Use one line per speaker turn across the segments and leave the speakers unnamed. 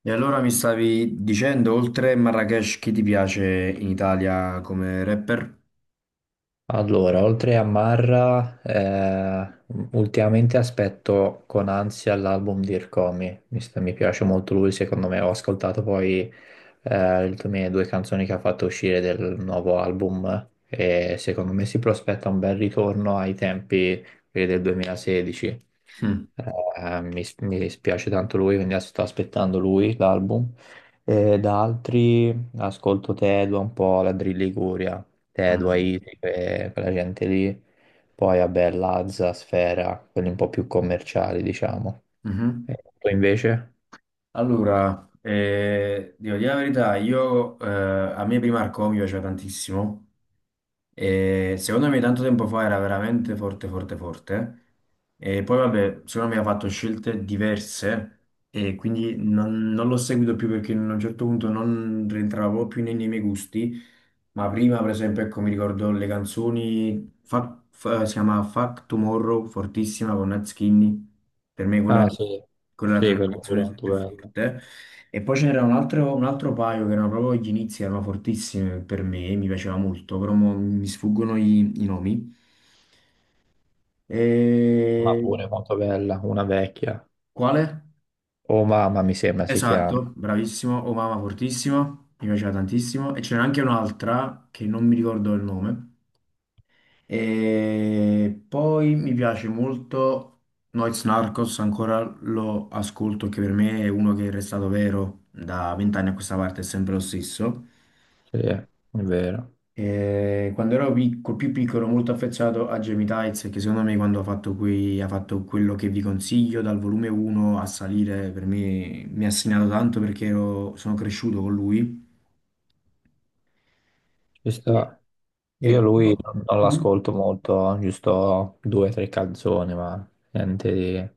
E allora mi stavi dicendo, oltre Marrakesh, chi ti piace in Italia come rapper?
Allora, oltre a Marra, ultimamente aspetto con ansia l'album di Irkomi, mi piace molto lui. Secondo me, ho ascoltato poi le mie due canzoni che ha fatto uscire del nuovo album e secondo me si prospetta un bel ritorno ai tempi quelli del 2016.
Mm.
Mi spiace tanto lui, quindi sto aspettando lui l'album. E da altri ascolto Tedua un po', la Drill Liguria, Te,
Mm.
Haiti, quella gente lì. Poi, vabbè, Lazza, Sfera, quelli un po' più commerciali, diciamo.
Mhm.
E tu invece?
Allora, devo dire la verità, io, a me Primarco mi piaceva tantissimo. E secondo me tanto tempo fa era veramente forte, forte, forte. E poi vabbè, secondo me ha fatto scelte diverse e quindi non l'ho seguito più perché a un certo punto non rientravo più nei miei gusti. Ma prima, per esempio, ecco, mi ricordo le canzoni, si chiama Fuck Tomorrow, fortissima con Nat Skinny. Per me quella,
Ah, sì.
quella è
Sì,
la
quella pure
canzone
molto
più
bella.
forte. E poi ce n'era un altro paio che erano proprio gli inizi, erano fortissime per me, mi piaceva molto, però mo mi sfuggono i nomi.
Ma
E...
pure molto bella, una vecchia.
Quale?
Oh, mamma, mi sembra si chiama.
Esatto, bravissimo, Oh Mama fortissimo, mi piaceva tantissimo. E c'era anche un'altra che non mi ricordo il nome. E poi mi piace molto Noiz Narcos, ancora lo ascolto, che per me è uno che è restato vero da vent'anni a questa parte, è sempre lo stesso.
Sì, è vero.
Quando ero più piccolo, molto affezionato a Jamie Tights, che secondo me quando ha ha fatto quello che vi consiglio, dal volume 1 a salire, per me mi ha segnato tanto perché sono cresciuto con lui.
Ci
E,
sta. Io
e-
lui non
Mhm.
l'ascolto molto, giusto 2 o 3 canzoni, ma niente di...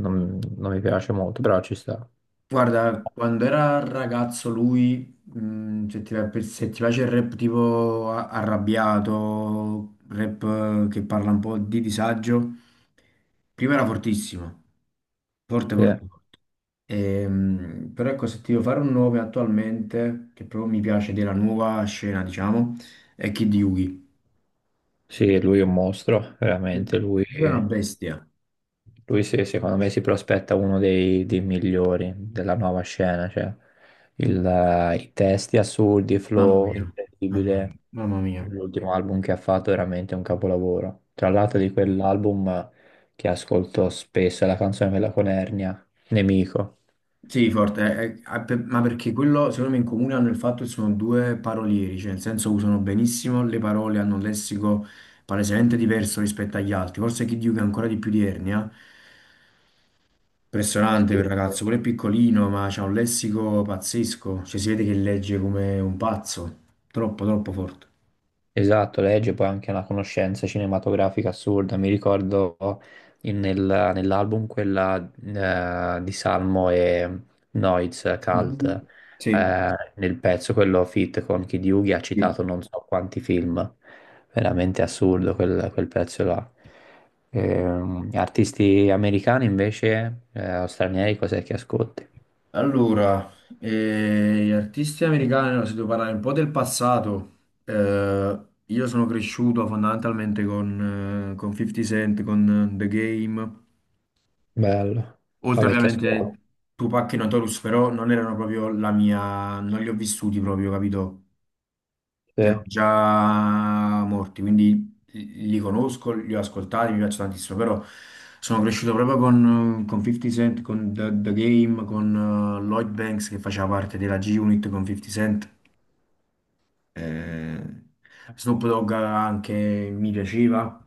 Non mi piace molto, però ci sta.
Guarda, quando era ragazzo lui, se se ti piace il rap tipo arrabbiato, rap che parla un po' di disagio, prima era fortissimo, forte,
Sì.
forte. Però ecco, se ti devo fare un nome attualmente, che proprio mi piace della nuova scena, diciamo, è Kid Yugi.
Sì, lui è un mostro, veramente.
Lui è una bestia,
Lui sì, secondo me si prospetta uno dei migliori della nuova scena. Cioè, i testi assurdi,
mamma
flow
mia, mamma
incredibile.
mia. Mamma mia.
L'ultimo album che ha fatto è veramente un capolavoro. Tra l'altro, di quell'album che ascolto spesso è la canzone quella con Ernia, Nemico.
Sì, forte, ma perché quello secondo me in comune hanno il fatto che sono due parolieri, cioè nel senso usano benissimo le parole, hanno un lessico palesemente diverso rispetto agli altri, forse Kid Yugi ha ancora di più di Ernia.
Sì,
Impressionante quel
sì.
ragazzo, pure piccolino, ma c'ha un lessico pazzesco, cioè si vede che legge come un pazzo, troppo troppo forte.
Esatto, legge poi anche una conoscenza cinematografica assurda. Mi ricordo nell'album quella di Salmo e Noiz
Mhm.
Cult,
Sì,
nel pezzo quello fit con Kid Yugi ha
sì.
citato non so quanti film. Veramente assurdo quel pezzo là. Artisti americani invece, o stranieri, cos'è che ascolti?
Allora, gli artisti americani, allora, se devo parlare un po' del passato, eh, io sono cresciuto fondamentalmente con con 50 Cent, con The Game,
Bello, la
oltre
vecchia scuola.
ovviamente Tupac e Notorious, però non erano proprio la mia, non li ho vissuti proprio, capito?
Sì,
Erano già morti, quindi li conosco, li ho ascoltati, mi piacciono tantissimo, però sono cresciuto proprio con con 50 Cent, con The Game, con Lloyd Banks che faceva parte della G-Unit con 50 Cent, eh, Snoop Dogg anche mi piaceva,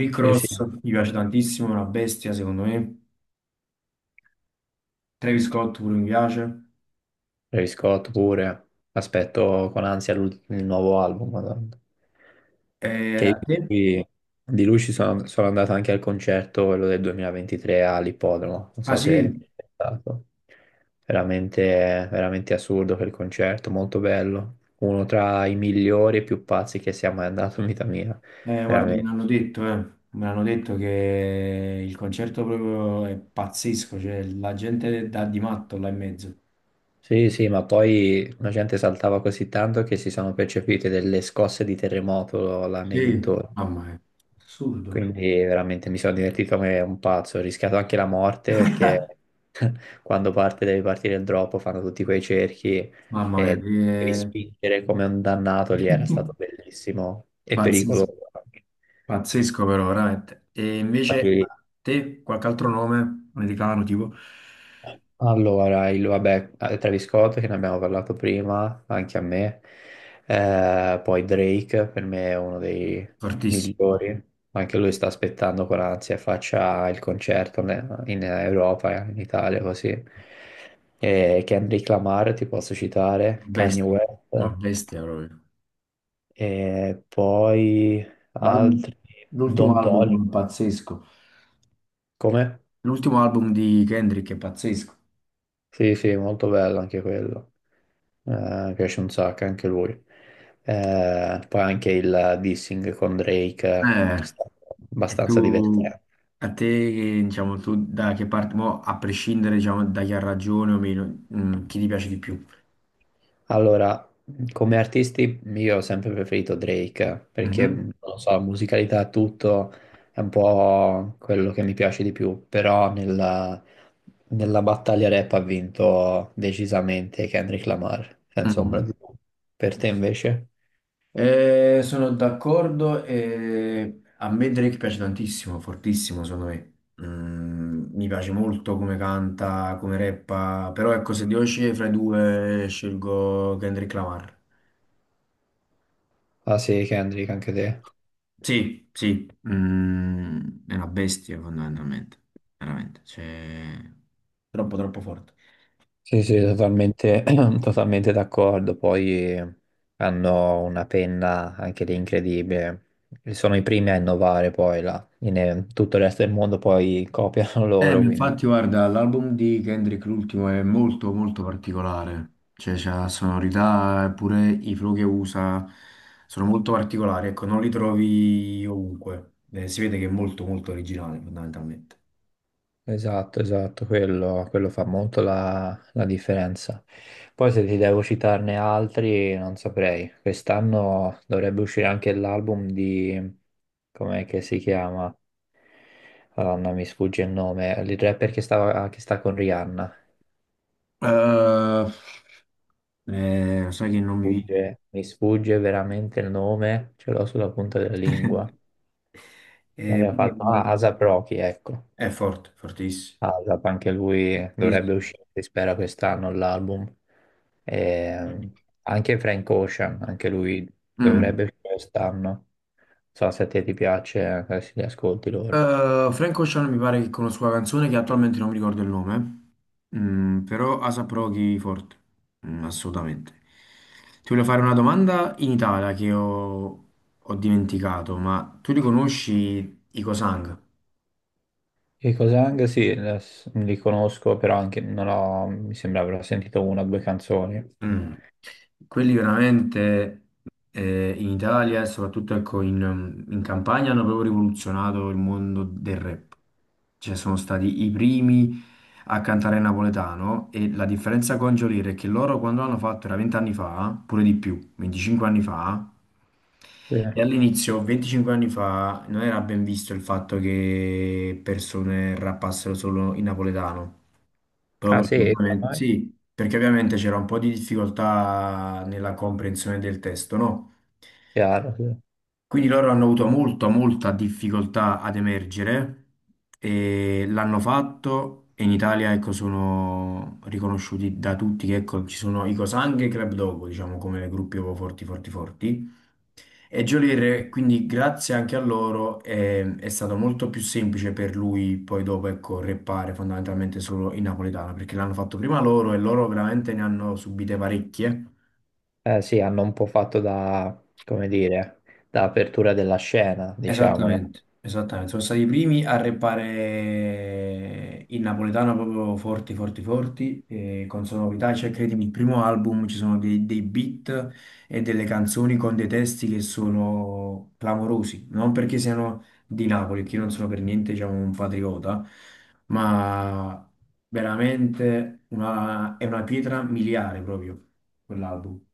Rick
sì, sì.
Ross mi piace tantissimo, è una bestia secondo me, Travis Scott pure mi piace.
Travis Scott pure. Aspetto con ansia il nuovo album, Madonna. Che io
A te?
di, di lui sono andato anche al concerto, quello del 2023 all'Ippodromo. Non
Ah
so se
sì?
è stato. Veramente, veramente assurdo quel concerto, molto bello. Uno tra i migliori e più pazzi che sia mai andato in vita mia.
Guarda, me
Veramente.
l'hanno detto, eh. Me l'hanno detto che il concerto proprio è pazzesco, cioè la gente dà di matto là in mezzo.
Sì, sì, ma poi la gente saltava così tanto che si sono percepite delle scosse di terremoto là nei
Sì,
dintorni.
mamma mia, assurdo.
Quindi veramente mi sono divertito come un pazzo, ho rischiato anche la morte perché quando parte deve partire il drop fanno tutti quei cerchi
Mamma mia,
e devi
che...
spingere come un dannato lì, era stato bellissimo e
Pazzesco,
pericoloso
pazzesco però, veramente. E invece
anche.
te, qualche altro nome americano, tipo,
Allora, Travis Scott che ne abbiamo parlato prima, anche a me. Poi Drake per me è uno dei
fortissimo,
migliori, anche lui sta aspettando con ansia, faccia il concerto in Europa, in Italia così. E Kendrick Lamar ti posso citare, Kanye
bestia, una
West,
bestia proprio.
e poi
L'al-
altri,
L'ultimo
Don Toliver,
album pazzesco.
come?
L'ultimo album di Kendrick è pazzesco.
Sì, sì, molto bello anche quello. Eh, mi piace un sacco anche lui. Poi anche il dissing con Drake
Eh,
è stato
e
abbastanza
tu,
divertente.
a te, che, diciamo, tu da che parte, mo, a prescindere, diciamo, da chi ha ragione o meno, chi ti piace di più?
Allora, come artisti io ho sempre preferito Drake perché,
Mhm.
non lo so, musicalità e tutto è un po' quello che mi piace di più, però nella battaglia rap ha vinto decisamente Kendrick Lamar, senza ombra
Mm.
di dubbio. Per te invece?
Sono d'accordo e a me Drake piace tantissimo, fortissimo secondo me. Mm, mi piace molto come canta, come rappa, però ecco, se devo scegliere fra i due, scelgo Kendrick Lamar.
Ah sì, Kendrick, anche te.
Sì, sì, è una bestia fondamentalmente, veramente. Cioè... Troppo, troppo forte.
Sì, sì, totalmente, totalmente d'accordo. Poi hanno una penna anche lì incredibile. Sono i primi a innovare poi là. Tutto il resto del mondo poi copiano loro,
Ma
quindi.
infatti, guarda, l'album di Kendrick, l'ultimo, è molto, molto particolare. Cioè, c'ha sonorità, e pure i flow che usa sono molto particolari. Ecco, non li trovi ovunque. Si vede che è molto, molto originale, fondamentalmente.
Esatto, esatto, quello fa molto la differenza. Poi se ti devo citarne altri, non saprei. Quest'anno dovrebbe uscire anche l'album di... Com'è che si chiama? Madonna, mi sfugge il nome. Il rapper che sta con Rihanna.
Eh, Sai che non mi viene.
Mi sfugge veramente il nome, ce l'ho sulla punta della lingua.
Eh,
L'aveva
poi-
fatto ah, ASAP Rocky, ecco.
è forte, fortissimo.
ASAP, anche lui
Sì,
dovrebbe
sì.
uscire, si spera, quest'anno l'album. E anche Frank Ocean, anche lui
Mm.
dovrebbe uscire quest'anno. Non so se a te ti piace, se li ascolti loro.
Frank Ocean mi pare che conosco la canzone che attualmente non mi ricordo il nome. Mm, però ASAP Rocky forte. Mm, assolutamente. Ti voglio fare una domanda in Italia che ho dimenticato, ma tu li conosci i Cosang?
E Cosang, sì, li conosco, però anche non ho, mi sembra avrò sentito 1 o 2 canzoni.
Mm. Quelli veramente in Italia e soprattutto ecco, in Campania hanno proprio rivoluzionato il mondo del rap. Cioè sono stati i primi a cantare napoletano e la differenza con Geolier è che loro quando l'hanno fatto era 20 anni fa, pure di più, 25 anni fa,
Sì.
e all'inizio, 25 anni fa, non era ben visto il fatto che persone rappassero solo in napoletano.
Ah
Proprio perché
sì,
ovviamente,
ormai,
sì, perché ovviamente c'era un po' di difficoltà nella comprensione del testo, no?
chiaro, sì.
Quindi loro hanno avuto molta, molta difficoltà ad emergere e l'hanno fatto e in Italia, ecco, sono riconosciuti da tutti che, ecco, ci sono i Co'Sang e i Club Dogo, diciamo, come gruppi proprio forti, forti, forti. E Geolier, quindi grazie anche a loro, è stato molto più semplice per lui poi dopo, ecco, reppare fondamentalmente solo in napoletano, perché l'hanno fatto prima loro e loro veramente ne hanno subite parecchie.
Eh sì, hanno un po' fatto da, come dire, da apertura della scena, diciamo, no?
Esattamente, esattamente. Sono stati i primi a rappare il napoletano proprio forti, forti, forti, e con sonorità, cioè credimi, il primo album ci sono dei beat e delle canzoni con dei testi che sono clamorosi, non perché siano di Napoli, che io non sono per niente, diciamo, un patriota, ma veramente è una pietra miliare proprio quell'album.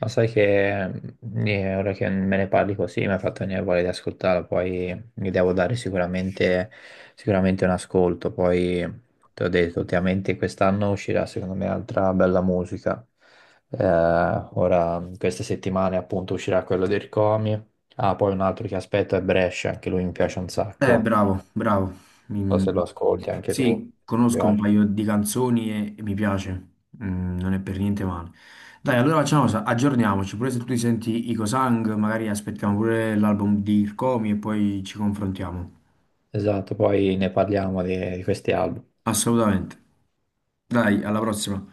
Ma sai che ora che me ne parli così mi ha fatto venire voglia di ascoltarlo, poi mi devo dare sicuramente, sicuramente un ascolto, poi ti ho detto, ultimamente quest'anno uscirà secondo me altra bella musica. Ora, queste settimane appunto uscirà quello del Comi, ah, poi un altro che aspetto è Brescia, anche lui mi piace un sacco,
Bravo,
non
bravo.
so
Mi-
se lo ascolti anche tu, mi
Sì, conosco un
piace.
paio di canzoni e mi piace. Mm, non è per niente male. Dai, allora facciamo una cosa, aggiorniamoci. Pure se tu ti senti Ico Sang, magari aspettiamo pure l'album di Ircomi e poi ci confrontiamo.
Esatto, poi ne parliamo di questi album.
Assolutamente. Dai, alla prossima.